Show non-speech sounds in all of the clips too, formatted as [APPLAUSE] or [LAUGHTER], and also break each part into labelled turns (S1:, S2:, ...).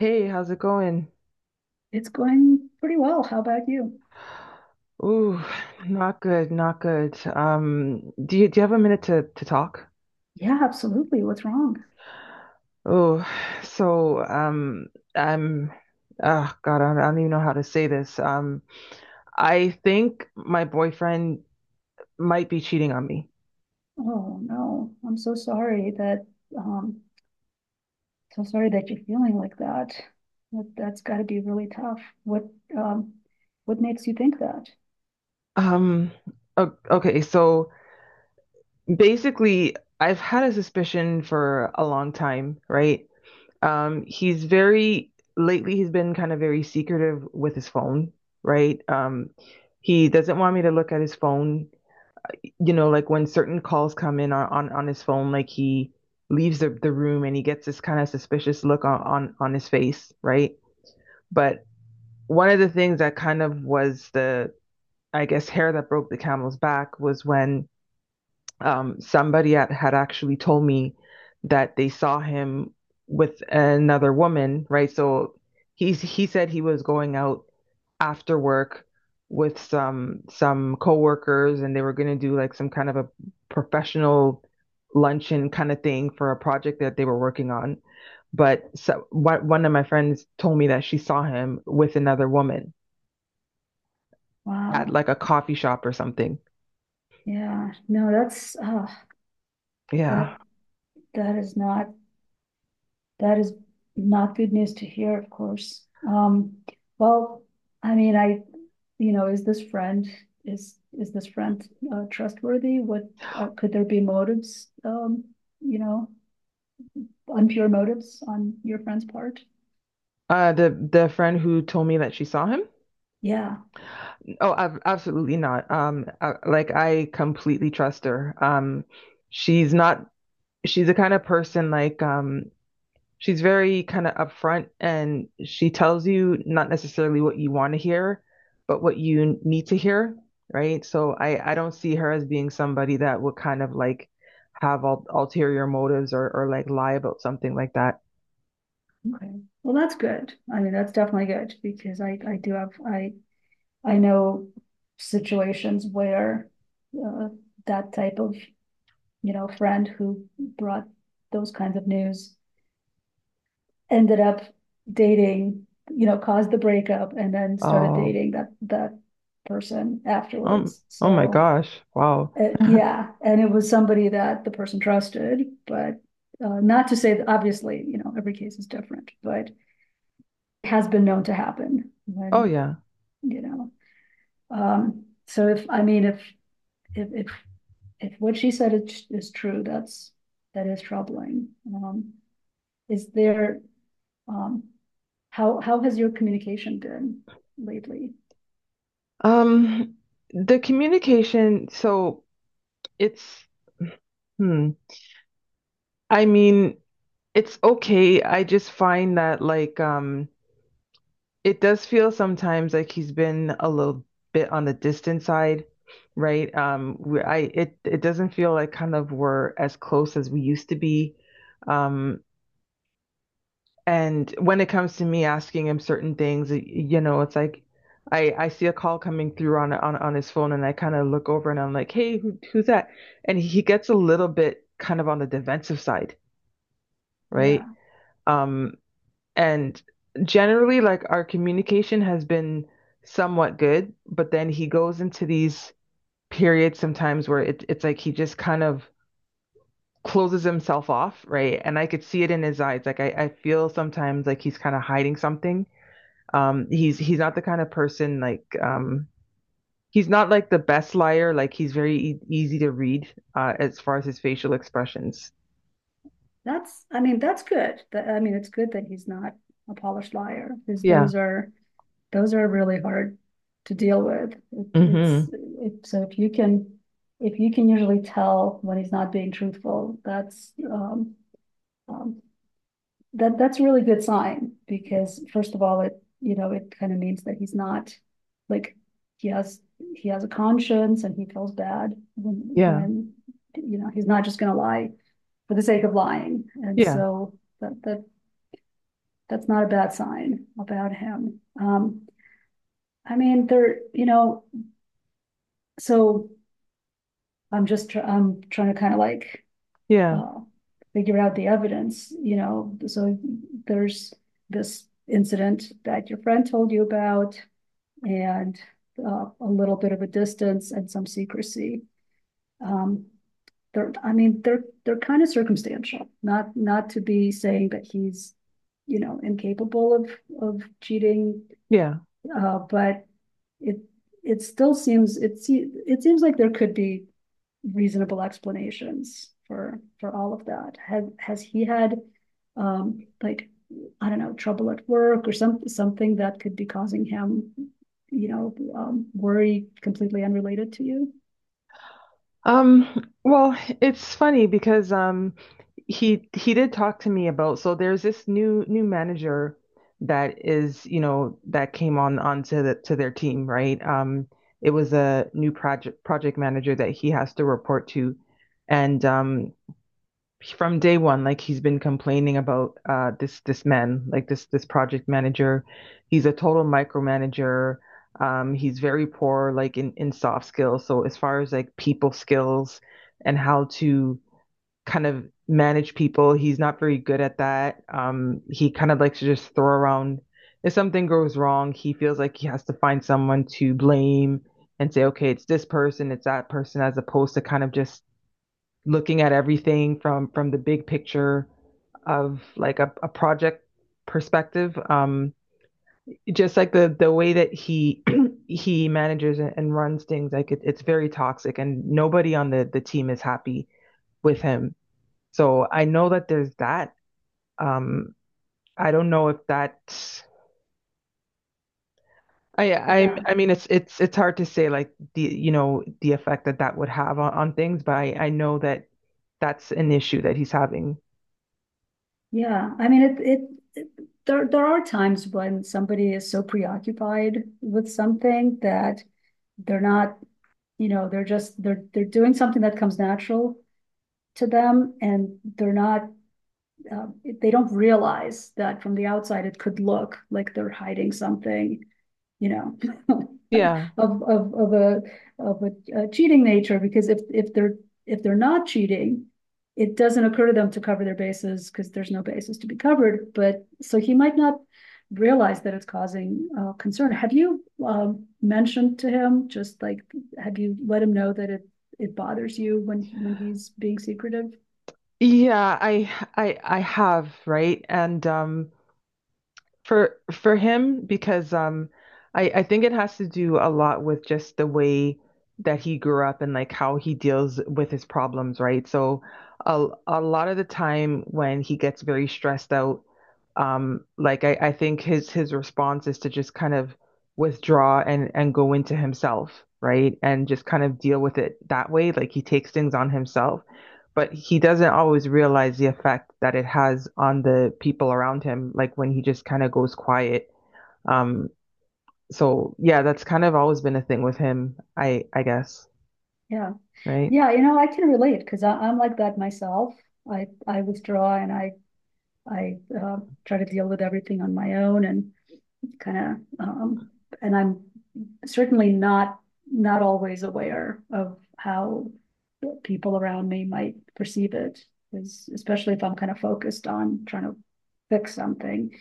S1: Hey, how's it going?
S2: It's going pretty well. How about you?
S1: Ooh, not good, not good. Do you have a minute to talk?
S2: Yeah, absolutely. What's wrong?
S1: Oh, so I'm, oh God, I don't even know how to say this. I think my boyfriend might be cheating on me.
S2: Oh no, I'm um so sorry that you're feeling like that. That's got to be really tough. Um what makes you think that?
S1: Um, okay, so basically, I've had a suspicion for a long time, right? He's very Lately he's been kind of very secretive with his phone, right? He doesn't want me to look at his phone. You know, like when certain calls come in on his phone, like he leaves the room and he gets this kind of suspicious look on his face, right? But one of the things that kind of was the, I guess, hair that broke the camel's back was when somebody had actually told me that they saw him with another woman, right? So he said he was going out after work with some coworkers, and they were going to do like some kind of a professional luncheon kind of thing for a project that they were working on. But so, one of my friends told me that she saw him with another woman at
S2: Wow.
S1: like a coffee shop or something.
S2: Yeah. No, that's that
S1: Yeah.
S2: that is not. That is not good news to hear, of course. Well, I mean, you know, is this friend is this friend trustworthy? What could there be motives? You know, impure motives on your friend's part?
S1: The friend who told me that she saw him.
S2: Yeah.
S1: Oh, ab absolutely not. Like I completely trust her. She's not, she's the kind of person, like, she's very kind of upfront, and she tells you not necessarily what you want to hear, but what you need to hear, right? So I don't see her as being somebody that would kind of like have ul ulterior motives, or like lie about something like that.
S2: Okay. Well, that's good. I mean, that's definitely good because I do have I know situations where uh, that type of, you know, friend who brought those kinds of news ended up dating, you know, caused the breakup and then started
S1: Oh,
S2: dating that person
S1: um,
S2: afterwards.
S1: oh my
S2: So
S1: gosh. Wow.
S2: it, yeah, and it was somebody that the person trusted, but not to say that obviously, you know, every case is different, but it has been known to happen
S1: Oh
S2: when,
S1: yeah.
S2: you know. So if I mean if if if what she said is true, that's that is troubling. Is there um, how has your communication been lately?
S1: Um, the communication, so It's hmm. I mean, it's okay. I just find that, like, um, it does feel sometimes like he's been a little bit on the distant side, right? We, I It it doesn't feel like kind of we're as close as we used to be. Um, and when it comes to me asking him certain things, you know, it's like I see a call coming through on his phone, and I kind of look over and I'm like, "Hey, who's that?" And he gets a little bit kind of on the defensive side, right?
S2: Yeah,
S1: Um, and generally, like, our communication has been somewhat good, but then he goes into these periods sometimes where it's like he just kind of closes himself off, right? And I could see it in his eyes. Like, I feel sometimes like he's kind of hiding something. Um, he's not the kind of person like, he's not like the best liar. Like, he's very easy to read, as far as his facial expressions.
S2: that's I mean that's good. That, I mean it's good that he's not a polished liar because
S1: Yeah.
S2: those are really hard to deal with. It's
S1: Hmm.
S2: so if you can usually tell when he's not being truthful, that's um, that that's a really good sign because first of all, it, you know, it kind of means that he's not like he has he has a conscience and he feels bad when
S1: Yeah.
S2: when you know, he's not just going to lie for the sake of lying, and
S1: Yeah.
S2: so that's not a bad sign about him. I mean, there, you know, so. I'm just tr- I'm trying to kind of like
S1: Yeah.
S2: uh, figure out the evidence, you know, so there's this incident that your friend told you about and a little bit of a distance and some secrecy. Um, I mean, they're kind of circumstantial, not not to be saying that he's, you know, incapable of cheating
S1: Yeah.
S2: but it it still seems it seems like there could be reasonable explanations for all of that. Has he had like I don't know trouble at work or some something that could be causing him, you know, worry completely unrelated to you?
S1: Well, it's funny because um, he did talk to me about, so there's this new manager that is, you know, that came on onto the to their team, right? Um, it was a new project manager that he has to report to. And um, from day one, like, he's been complaining about, this man, like, this project manager. He's a total micromanager. He's very poor, like, in soft skills. So as far as like people skills and how to kind of manage people, he's not very good at that. He kind of likes to just throw around. If something goes wrong, he feels like he has to find someone to blame and say, okay, it's this person, it's that person, as opposed to kind of just looking at everything from the big picture of like a project perspective. Just like the way that he [CLEARS THROAT] he manages and runs things, like, it's very toxic, and nobody on the team is happy with him. So I know that there's that. Um, I don't know if that.
S2: Yeah,
S1: I mean, it's hard to say, like, the, you know, the effect that that would have on things, but I know that that's an issue that he's having.
S2: yeah. I mean it it. It there, there are times when somebody is so preoccupied with something that they're not, you know, they're just, they're doing something that comes natural to them and they're not, they don't realize that from the outside, it could look like they're hiding something, you know, [LAUGHS]
S1: Yeah,
S2: of a a cheating nature because if they're not cheating, it doesn't occur to them to cover their bases because there's no basis to be covered. But so he might not realize that it's causing concern. Have you mentioned to him just like have you let him know that it bothers you when he's being secretive?
S1: Yeah, I have, right? And um, for him, because um, I think it has to do a lot with just the way that he grew up and like how he deals with his problems, right? So a lot of the time when he gets very stressed out, um, like, I think his response is to just kind of withdraw and go into himself, right? And just kind of deal with it that way, like he takes things on himself, but he doesn't always realize the effect that it has on the people around him, like when he just kind of goes quiet. Um, so yeah, that's kind of always been a thing with him, I guess,
S2: Yeah,
S1: right?
S2: yeah. You know, I can relate because I'm like that myself. I withdraw and I try to deal with everything on my own and kind of, and I'm certainly not not always aware of how people around me might perceive it, especially if I'm kind of focused on trying to fix something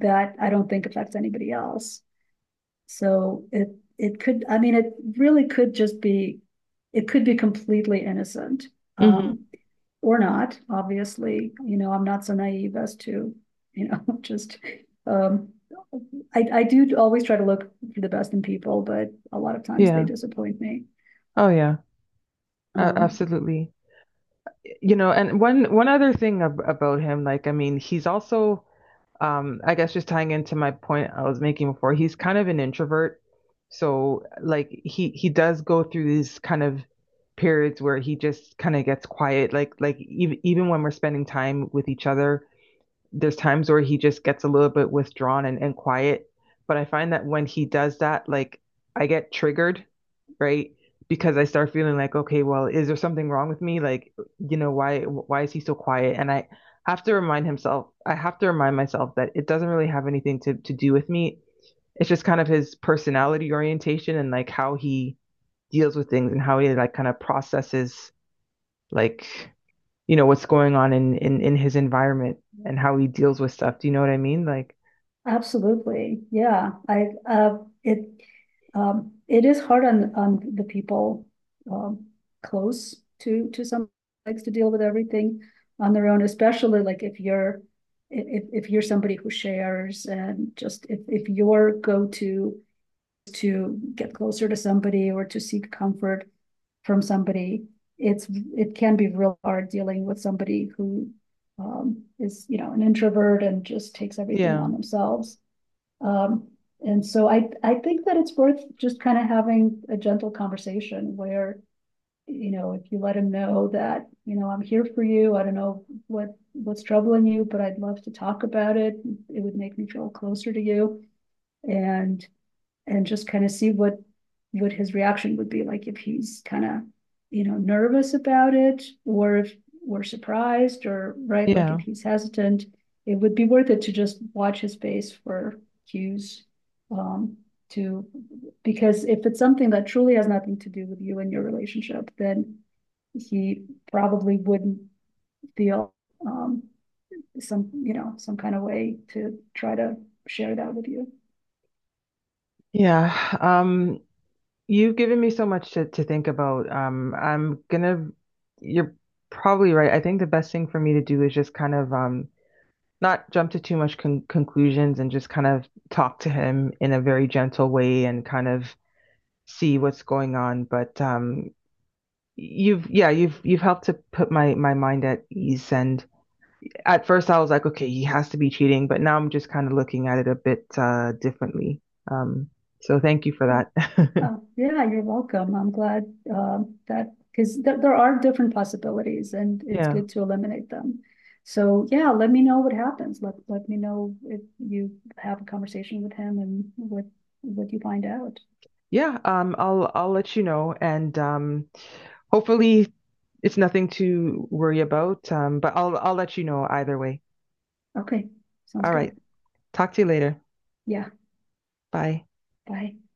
S2: that I don't think affects anybody else. So it could, I mean, it really could just be, it could be completely innocent.
S1: Hmm.
S2: Um, or not, obviously, you know, I'm not so naive as to, you know, [LAUGHS] just um I do always try to look for the best in people, but a lot of times they
S1: Yeah.
S2: disappoint me.
S1: Oh yeah. A-
S2: Um
S1: absolutely. You know, and one other thing about him, like, I mean, he's also, I guess just tying into my point I was making before, he's kind of an introvert. So like he does go through these kind of periods where he just kind of gets quiet. Like, even when we're spending time with each other, there's times where he just gets a little bit withdrawn and quiet. But I find that when he does that, like, I get triggered, right? Because I start feeling like, okay, well, is there something wrong with me? Like, you know, why is he so quiet? And I have to remind himself, I have to remind myself that it doesn't really have anything to do with me. It's just kind of his personality orientation and like how he deals with things and how he, like, kind of processes, like, you know, what's going on in his environment and how he deals with stuff. Do you know what I mean? Like,
S2: Absolutely. Yeah. I it It is hard on the people um close to some likes to deal with everything on their own, especially like if you're if you're somebody who shares and just if your go-to to get closer to somebody or to seek comfort from somebody, it can be real hard dealing with somebody who is, you know, an introvert and just takes everything
S1: yeah.
S2: on themselves. Um, and so I think that it's worth just kind of having a gentle conversation where, you know, if you let him know that, you know, I'm here for you. I don't know what's troubling you, but I'd love to talk about it. It would make me feel closer to you and and just kind of see what his reaction would be like if he's kind of, you know, nervous about it or if we're surprised or right like if
S1: Yeah.
S2: he's hesitant it would be worth it to just watch his face for cues um to because if it's something that truly has nothing to do with you and your relationship then he probably wouldn't feel um some, you know, some kind of way to try to share that with you.
S1: Yeah. Um, you've given me so much to think about. Um, you're probably right. I think the best thing for me to do is just kind of, not jump to too much conclusions and just kind of talk to him in a very gentle way and kind of see what's going on. But yeah, you've helped to put my my mind at ease. And at first I was like, okay, he has to be cheating, but now I'm just kind of looking at it a bit, differently. Um, so thank you for that.
S2: Oh, yeah, you're welcome. I'm glad that because there are different possibilities and
S1: [LAUGHS]
S2: it's
S1: Yeah.
S2: good to eliminate them. So yeah, let me know what happens. Let me know if you have a conversation with him and what you find out.
S1: Yeah, I'll let you know, and hopefully it's nothing to worry about. But I'll let you know either way.
S2: Okay, sounds
S1: All right,
S2: good.
S1: talk to you later.
S2: Yeah,
S1: Bye.
S2: bye.